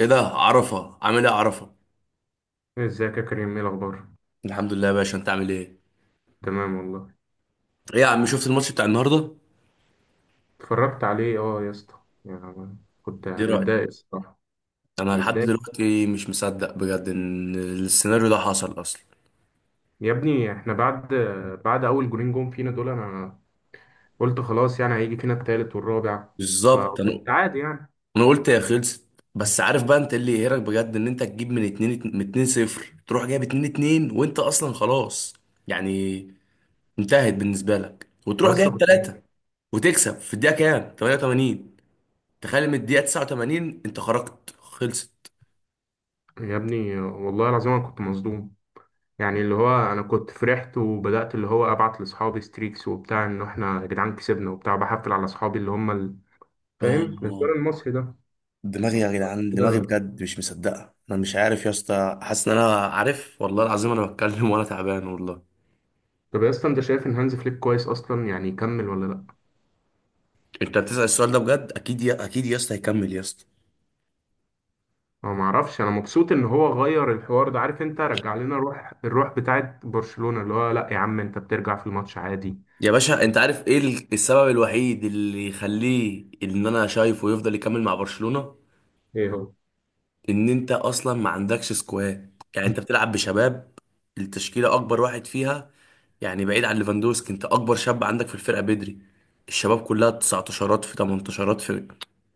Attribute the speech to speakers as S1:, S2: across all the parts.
S1: ايه ده عرفة عامل ايه عرفة.
S2: ازيك يا كريم؟ ايه الاخبار؟
S1: الحمد لله يا باشا، انت عامل ايه؟
S2: تمام والله.
S1: ايه يا عم، شفت الماتش بتاع النهارده؟
S2: اتفرجت عليه اه يا اسطى، يعني كنت
S1: ايه رأيك؟
S2: متضايق الصراحه.
S1: انا لحد
S2: متضايق.
S1: دلوقتي مش مصدق بجد ان السيناريو ده حصل اصلا.
S2: يا ابني احنا بعد اول جولين جون فينا دول انا قلت خلاص، يعني هيجي فينا التالت والرابع،
S1: بالظبط. انا
S2: فكنت عادي يعني.
S1: انا قلت يا خلصت. بس عارف بقى، انت اللي يقهرك بجد ان انت تجيب من 2، من 2-0، تروح جايب 2-2 وانت اصلا خلاص. يعني انتهت بالنسبة لك
S2: يا
S1: وتروح
S2: اسطى
S1: جايب
S2: كنت،
S1: 3 وتكسب في الدقيقة كام، 88. تخيل، من الدقيقة 89 انت خرجت خلصت.
S2: يا ابني والله العظيم انا كنت مصدوم، يعني اللي هو انا كنت فرحت وبدات اللي هو ابعت لاصحابي ستريكس وبتاع ان احنا يا جدعان كسبنا وبتاع بحفل على اصحابي اللي هم فاهم الانسان
S1: اه،
S2: المصري ده
S1: دماغي يا جدعان، دماغي
S2: كده.
S1: بجد مش مصدقه، انا مش عارف يا اسطى، حاسس ان انا عارف والله العظيم، انا بتكلم وانا تعبان والله.
S2: طب يا اسطى، انت شايف ان هانز فليك كويس اصلا يعني يكمل ولا لا؟
S1: انت بتسأل السؤال ده بجد؟ اكيد يا، اكيد يا اسطى هيكمل يا اسطى.
S2: انا ما اعرفش، انا مبسوط ان هو غير الحوار ده، عارف انت، رجع لنا روح الروح بتاعت برشلونة، اللي هو لا يا عم انت بترجع في الماتش عادي.
S1: يا باشا، انت عارف ايه السبب الوحيد اللي يخليه ان انا شايفه يفضل يكمل مع برشلونة؟
S2: ايه هو؟
S1: ان انت اصلا ما عندكش سكواد، يعني انت بتلعب بشباب. التشكيله اكبر واحد فيها، يعني بعيد عن ليفاندوسكي، انت اكبر شاب عندك في الفرقه بدري. الشباب كلها 19 في 18 في.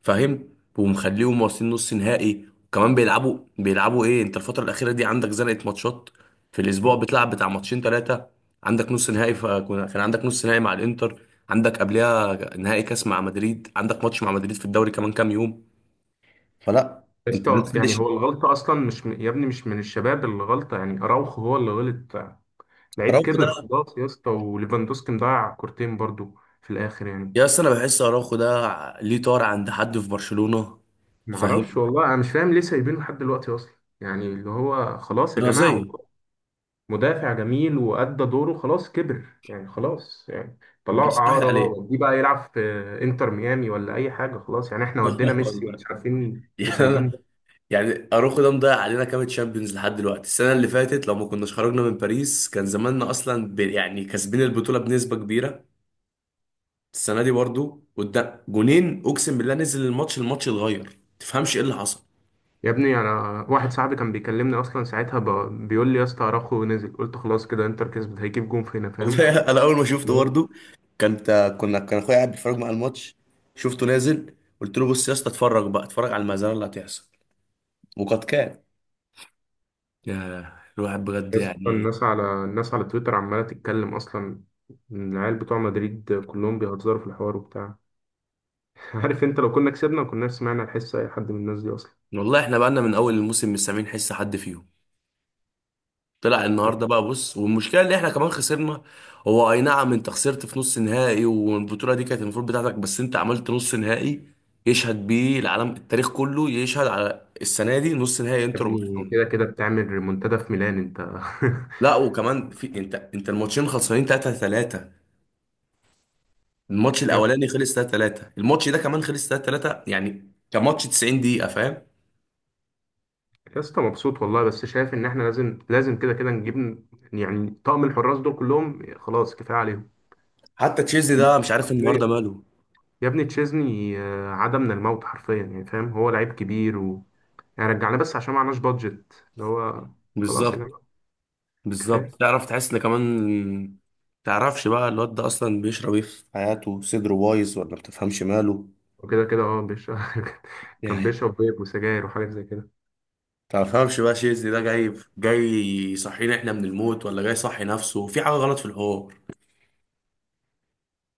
S1: فاهم؟ ومخليهم واصلين نص نهائي، وكمان بيلعبوا بيلعبوا ايه، انت الفتره الاخيره دي عندك زنقه ماتشات. في الاسبوع بتلعب بتاع ماتشين ثلاثه، عندك نص نهائي، كان عندك نص نهائي مع الانتر، عندك قبلها نهائي كاس مع مدريد، عندك ماتش مع مدريد في الدوري كمان كام يوم. فلا.
S2: يا
S1: انت ليه
S2: اسطى يعني
S1: تخلي
S2: هو الغلطة أصلا مش يا ابني مش من الشباب اللي غلطة، يعني أراوخو هو اللي غلط. لعيب
S1: اراوخو ده؟
S2: كبر خلاص يا اسطى، وليفاندوسكي مضيع كورتين برضو في الآخر يعني.
S1: يا اسطى، انا بحس اراوخو ده ليه طار عند حد في برشلونه؟ فاهم؟
S2: معرفش والله، أنا مش فاهم ليه سايبينه لحد دلوقتي أصلا. يعني اللي هو خلاص يا جماعة،
S1: رازيه.
S2: مدافع جميل وأدى دوره خلاص، كبر يعني خلاص يعني، طلعوا
S1: بس راحت
S2: إعارة،
S1: عليه.
S2: ودي بقى يلعب في إنتر ميامي ولا أي حاجة، خلاص يعني، إحنا ودينا ميسي
S1: والله.
S2: ومش عارفين
S1: يعني
S2: وسايبين ده.
S1: انا، يعني اراوخو ده مضيع علينا كام تشامبيونز لحد دلوقتي. السنه اللي فاتت لو ما كناش خرجنا من باريس، كان زماننا اصلا يعني كاسبين البطوله بنسبه كبيره. السنه دي برضو قدام جونين اقسم بالله، نزل الماتش، الماتش اتغير، تفهمش ايه اللي حصل.
S2: يا ابني أنا، واحد صاحبي كان بيكلمني أصلا ساعتها بيقول لي يا اسطى أراخو نزل، قلت خلاص كده إنتر كسبت، هيجيب جون فينا. فاهم؟
S1: والله انا اول ما شفته
S2: يا
S1: برضه، كنت كنا كان اخويا قاعد بيتفرج مع الماتش، شفته نازل، قلت له بص يا اسطى، اتفرج بقى، اتفرج على المزارع اللي هتحصل. وقد كان. يا، الواحد بجد
S2: اسطى
S1: يعني.
S2: الناس على تويتر عمالة تتكلم أصلا، العيال بتوع مدريد كلهم بيهزروا في الحوار وبتاع. عارف أنت، لو كنا كسبنا ما كناش سمعنا الحس أي حد من الناس دي أصلا.
S1: والله احنا بقالنا من اول الموسم مش سامعين حس حد فيهم، طلع النهارده بقى. بص، والمشكله اللي احنا كمان خسرنا. هو اي نعم انت خسرت في نص نهائي، والبطوله دي كانت المفروض بتاعتك، بس انت عملت نص نهائي يشهد بيه العالم، التاريخ كله يشهد على السنه دي، نص نهائي
S2: يا
S1: انتر
S2: ابني كده
S1: وبرشلونه.
S2: كده بتعمل ريمونتادا في ميلان انت.
S1: لا، وكمان في، انت الماتشين خلصانين 3-3. الماتش الاولاني خلص 3-3، الماتش ده كمان خلص 3-3، يعني كان ماتش 90 دقيقة. فاهم؟
S2: يا اسطى مبسوط والله، بس شايف ان احنا لازم لازم كده كده نجيب، يعني طقم الحراس دول كلهم خلاص كفايه عليهم.
S1: حتى تشيزني ده مش عارف النهارده
S2: حرفيا
S1: ماله.
S2: يا ابني تشيزني آه، عاد من الموت حرفيا يعني. فاهم؟ هو لعيب كبير و، يعني رجعنا بس عشان معناش بادجت، اللي هو خلاص يا
S1: بالظبط.
S2: جماعه
S1: بالظبط،
S2: كفايه.
S1: تعرف تحس ان كمان، تعرفش بقى الواد ده اصلا بيشرب ايه في حياته؟ صدره بايظ ولا بتفهمش ماله
S2: وكده كده اه بيشرب. كان
S1: يعني.
S2: بيشرب بيب وسجاير وحاجات زي كده.
S1: تفهمش بقى تشيزني ده جاي جاي يصحينا احنا من الموت، ولا جاي يصحي نفسه في حاجة غلط في الحوار؟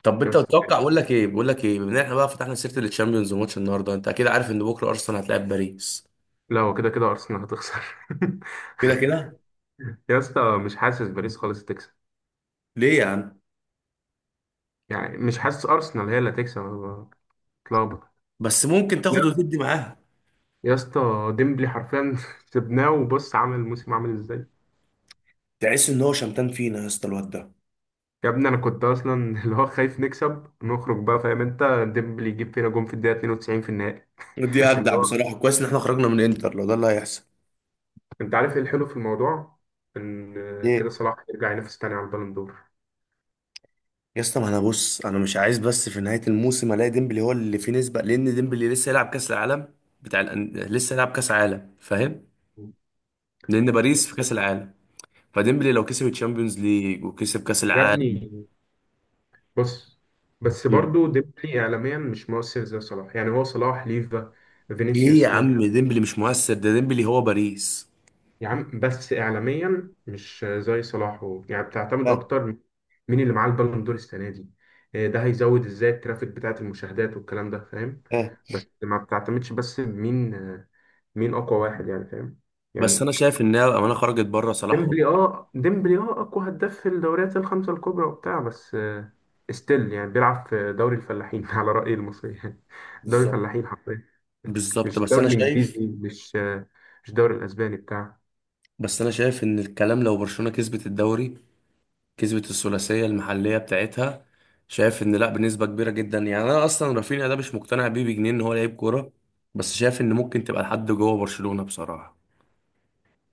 S1: طب
S2: يا
S1: انت
S2: اسطى
S1: تتوقع، اقول لك ايه، بقول لك ايه، بما ان احنا بقى فتحنا سيره الشامبيونز وماتش النهارده، انت اكيد عارف ان بكره ارسنال هتلاعب باريس.
S2: لا هو كده كده ارسنال هتخسر.
S1: كده كده.
S2: يا اسطى مش حاسس باريس خالص تكسب،
S1: ليه يا عم؟
S2: يعني مش حاسس أرسنال هي اللي هتكسب، أنا بتلخبط.
S1: بس ممكن تاخد
S2: يا
S1: وتدي معاها.
S2: يا اسطى ديمبلي حرفيا، سيبناه وبص عامل الموسم عامل ازاي.
S1: تحس ان هو شمتان فينا يا اسطى الواد ده.
S2: يا ابني انا كنت اصلا اللي هو خايف نكسب نخرج بقى، فاهم انت، ديمبلي يجيب فينا جون في الدقيقة 92 في النهائي.
S1: دي
S2: اللي
S1: اجدع
S2: هو،
S1: بصراحه، كويس ان احنا خرجنا من انتر لو ده اللي هيحصل.
S2: انت عارف ايه الحلو في الموضوع؟ ان كده
S1: ايه
S2: صلاح يرجع ينافس تاني على البالون دور.
S1: يا اسطى، ما انا بص، انا مش عايز بس في نهايه الموسم الاقي ديمبلي هو اللي فيه نسبه، لان ديمبلي لسه يلعب كاس العالم بتاع لسه يلعب كاس عالم. فاهم؟ لان باريس في
S2: بس-
S1: كاس العالم، فديمبلي لو كسب الشامبيونز ليج وكسب كاس
S2: يا
S1: العالم.
S2: ابني بص، بس برضو ديمبلي اعلاميا مش مؤثر زي صلاح، يعني هو صلاح ليفا
S1: ايه يا
S2: فينيسيوس.
S1: عم، ديمبلي مش مؤثر؟ ده ديمبلي هو باريس.
S2: يا عم بس اعلاميا مش زي صلاح يعني بتعتمد
S1: ها.
S2: اكتر مين اللي معاه البالون دور السنه دي. إيه ده؟ هيزود ازاي الترافيك بتاعت المشاهدات والكلام ده. فاهم؟
S1: ها.
S2: بس ما بتعتمدش بس مين آه، مين اقوى واحد يعني، فاهم؟
S1: بس
S2: يعني
S1: انا شايف انها امانه خرجت بره صلاح.
S2: ديمبلي اه، ديمبلي اه اقوى هداف في الدوريات الخمسه الكبرى وبتاع، بس آه، ستيل يعني بيلعب في دوري الفلاحين، على رأي المصريين، دوري
S1: بالظبط.
S2: الفلاحين حرفيا،
S1: بالظبط.
S2: مش
S1: بس
S2: الدوري
S1: انا شايف
S2: الانجليزي، مش آه، مش الدوري الاسباني بتاع.
S1: بس انا شايف ان الكلام لو برشلونه كسبت الدوري، كسبت الثلاثيه المحليه بتاعتها، شايف ان لا بنسبه كبيره جدا. يعني انا اصلا رافينيا ده مش مقتنع بيه بجنيه ان هو لعيب كوره، بس شايف ان ممكن تبقى لحد جوه برشلونه بصراحه.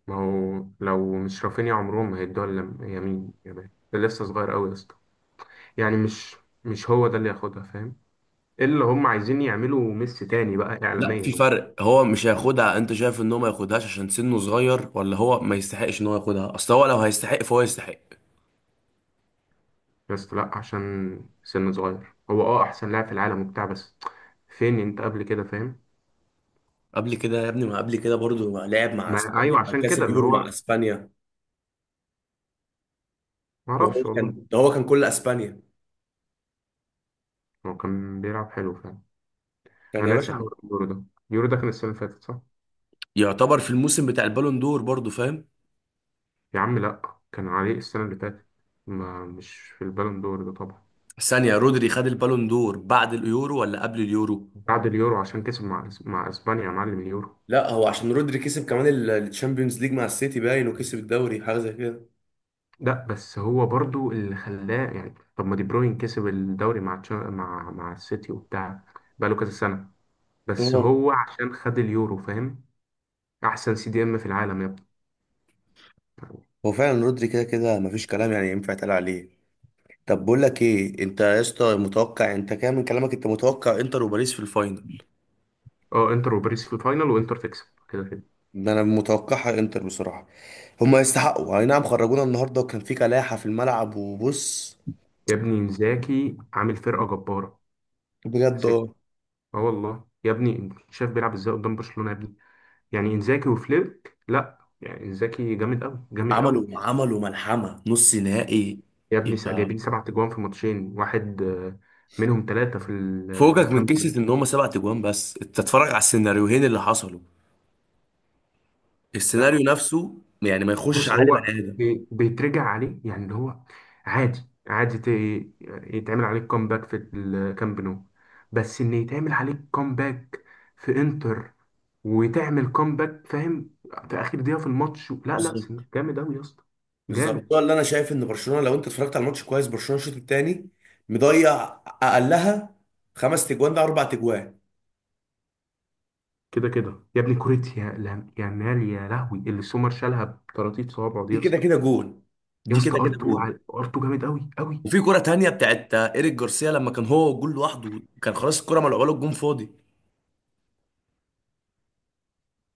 S2: ما هو لو مش رافينيا عمرهم ما هيدوها يمين يامال، ده لسه صغير قوي يا اسطى، يعني مش هو ده اللي ياخدها. فاهم؟ اللي هم عايزين يعملوا ميسي تاني بقى
S1: لا،
S2: اعلاميا
S1: في
S2: هو.
S1: فرق. هو مش هياخدها. انت شايف ان هو ما ياخدهاش عشان سنه صغير، ولا هو ما يستحقش ان هو ياخدها؟ اصل هو لو هيستحق فهو يستحق.
S2: يا اسطى لا عشان سن صغير، هو اه احسن لاعب في العالم وبتاع، بس فين انت قبل كده؟ فاهم؟
S1: قبل كده يا ابني، ما قبل كده برضو لعب مع
S2: ما
S1: اسبانيا،
S2: ايوه عشان كده
S1: كسب
S2: اللي
S1: يورو مع
S2: هو،
S1: اسبانيا،
S2: ما
S1: وهو
S2: اعرفش والله.
S1: كان، ده هو كان كل اسبانيا.
S2: هو كان بيلعب حلو فعلا.
S1: كان
S2: انا
S1: يا
S2: ناسي
S1: باشا.
S2: حوار اليورو ده. اليورو ده كان السنه اللي فاتت، صح؟
S1: يعتبر في الموسم بتاع البالون دور برضو. فاهم؟
S2: يا عم لا، كان عليه السنه اللي فاتت، ما مش في البالون دور ده طبعا.
S1: ثانية، رودري خد البالون دور بعد اليورو ولا قبل اليورو؟
S2: بعد اليورو عشان كسب مع اسبانيا يا معلم اليورو.
S1: لا هو عشان رودري كسب كمان الشامبيونز ليج مع السيتي باين، وكسب الدوري حاجه زي كده.
S2: لا بس هو برضو اللي خلاه، يعني طب ما دي بروين كسب الدوري مع مع السيتي وبتاع بقاله كذا سنة، بس
S1: اه.
S2: هو عشان خد اليورو. فاهم؟ احسن سي دي ام في العالم يا ابني.
S1: هو فعلا رودري كده كده مفيش كلام يعني ينفع يتقال عليه. طب بقول لك ايه، انت يا اسطى متوقع، انت كده من كلامك انت متوقع انتر وباريس في الفاينل.
S2: اه انتر وباريس في الفاينل، وانتر تكسب كده كده.
S1: ده انا متوقعها انتر بصراحه. هما يستحقوا، اي نعم خرجونا النهارده وكان في كلاحه في الملعب، وبص.
S2: يا ابني انزاكي عامل فرقة جبارة.
S1: بجد
S2: سي-
S1: اه.
S2: اه والله يا ابني، انت شايف بيلعب ازاي قدام برشلونة يا ابني، يعني انزاكي وفليك لا، يعني انزاكي جامد قوي جامد قوي.
S1: عملوا ملحمة نص نهائي.
S2: يا ابني
S1: يبقى
S2: جايبين سبع تجوان في ماتشين واحد آه، منهم ثلاثة في
S1: فوقك من
S2: الكامب نو.
S1: قصة ان هما سبع تجوان، بس انت اتفرج على السيناريوهين اللي حصلوا.
S2: لا
S1: السيناريو
S2: هو-
S1: نفسه يعني ما يخشش
S2: بص
S1: عقل
S2: هو
S1: بني ادم.
S2: بيترجع عليه يعني اللي هو عادي، عادي يتعمل عليك كومباك في الكامب نو، بس ان يتعمل عليك كومباك في انتر وتعمل كومباك، فاهم، في اخر دقيقة في الماتش. لا لا
S1: بالظبط.
S2: جامد قوي يا اسطى
S1: بالظبط،
S2: جامد.
S1: ده اللي انا شايف ان برشلونه، لو انت اتفرجت على الماتش كويس، برشلونه الشوط الثاني مضيع اقلها خمس تجوان، ده اربع تجوان.
S2: كده كده يا ابني كوريتيا، يا مال يا لهوي اللي سومر شالها بطراطيف صوابعه دي
S1: دي
S2: يا
S1: كده
S2: اسطى.
S1: كده جون،
S2: يا
S1: دي
S2: اسطى
S1: كده
S2: ار
S1: كده
S2: 2
S1: جون.
S2: ار 2 جامد قوي قوي.
S1: وفي كرة تانية بتاعت ايريك جارسيا لما كان هو والجول لوحده، كان خلاص الكرة ملعوبة له، الجون فاضي.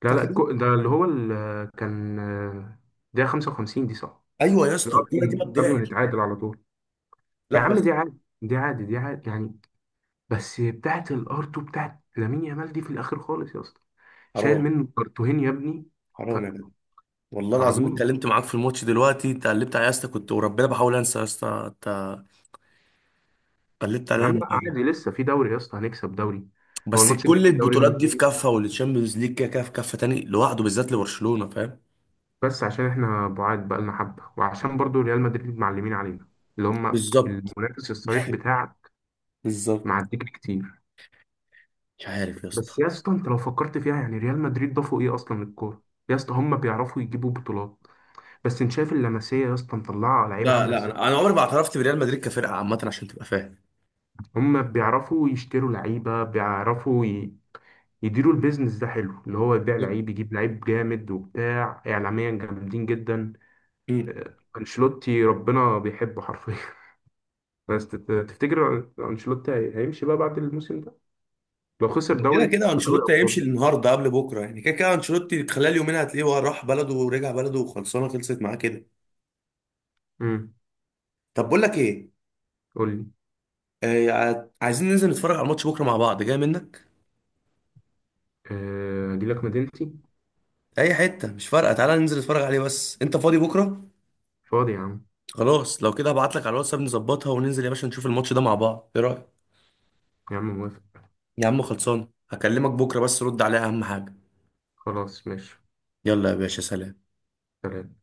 S2: لا لا
S1: فاكر؟
S2: ده اللي هو كان آه، ده 55 دي، صح؟
S1: ايوه يا
S2: اللي
S1: اسطى،
S2: هو
S1: الكرة دي ما
S2: قبل ما
S1: تضيعش.
S2: نتعادل على طول. يا
S1: لا
S2: عم
S1: بس.
S2: دي عادي دي عادي دي عادي يعني، بس بتاعت الار 2 بتاعت لامين يامال دي في الاخر خالص يا اسطى، شايل
S1: حرام.
S2: منه كرتوهين يا ابني. ف-
S1: حرام يا جدع. والله العظيم
S2: صعبين.
S1: اتكلمت معاك في الماتش دلوقتي، انت قلبت عليا يا اسطى، كنت وربنا بحاول انسى يا اسطى، انت قلبت
S2: يا
S1: عليا
S2: عم لا عادي، لسه في دوري يا اسطى، هنكسب دوري. هو
S1: بس
S2: الماتش الجاي
S1: كل
S2: في الدوري يوم
S1: البطولات دي في
S2: الخميس،
S1: كافة، والتشامبيونز ليج كده كده في كافة تاني لوحده بالذات لبرشلونة. فاهم؟
S2: بس عشان احنا بعاد بقالنا حبه، وعشان برضو ريال مدريد معلمين علينا، اللي هم
S1: بالظبط.
S2: المنافس الصريح بتاع،
S1: بالظبط.
S2: معديك كتير.
S1: مش عارف يا اسطى.
S2: بس يا اسطى انت لو فكرت فيها، يعني ريال مدريد ضافوا ايه اصلا للكوره؟ يا اسطى هم بيعرفوا يجيبوا بطولات، بس انت شايف اللمسيه يا اسطى مطلعه لعيبه
S1: لا
S2: عامله
S1: لا،
S2: ازاي،
S1: انا عمري ما اعترفت بريال مدريد كفرقة عامة عشان تبقى فاهم.
S2: هم بيعرفوا يشتروا لعيبه، بيعرفوا ي... يديروا البيزنس ده حلو، اللي هو يبيع لعيب يجيب لعيب جامد وبتاع، اعلاميا جامدين جدا.
S1: بالظبط.
S2: آه، انشيلوتي ربنا بيحبه حرفيا. بس تفتكر انشيلوتي هيمشي بقى بعد الموسم ده لو خسر
S1: كده
S2: دوري
S1: كده
S2: ودوري
S1: انشيلوتي هيمشي
S2: ابطال؟
S1: النهارده قبل بكره، يعني كده كده انشيلوتي خلال يومين هتلاقيه هو راح بلده ورجع بلده وخلصانه، خلصت معاه كده.
S2: امم،
S1: طب بقول لك ايه.
S2: قول لي.
S1: آه عايزين ننزل نتفرج على الماتش بكره مع بعض، جاي منك
S2: آه، اجي لك مدينتي.
S1: اي حته مش فارقه، تعالى ننزل نتفرج عليه. بس انت فاضي بكره؟
S2: فاضي يا عم.
S1: خلاص لو كده هبعت لك على الواتساب نظبطها، وننزل يا باشا نشوف الماتش ده مع بعض، ايه رايك؟
S2: يا عم موافق.
S1: يا عم خلصان، هكلمك بكره بس رد عليها اهم حاجه.
S2: خلاص ماشي.
S1: يلا يا باشا سلام.
S2: سلام.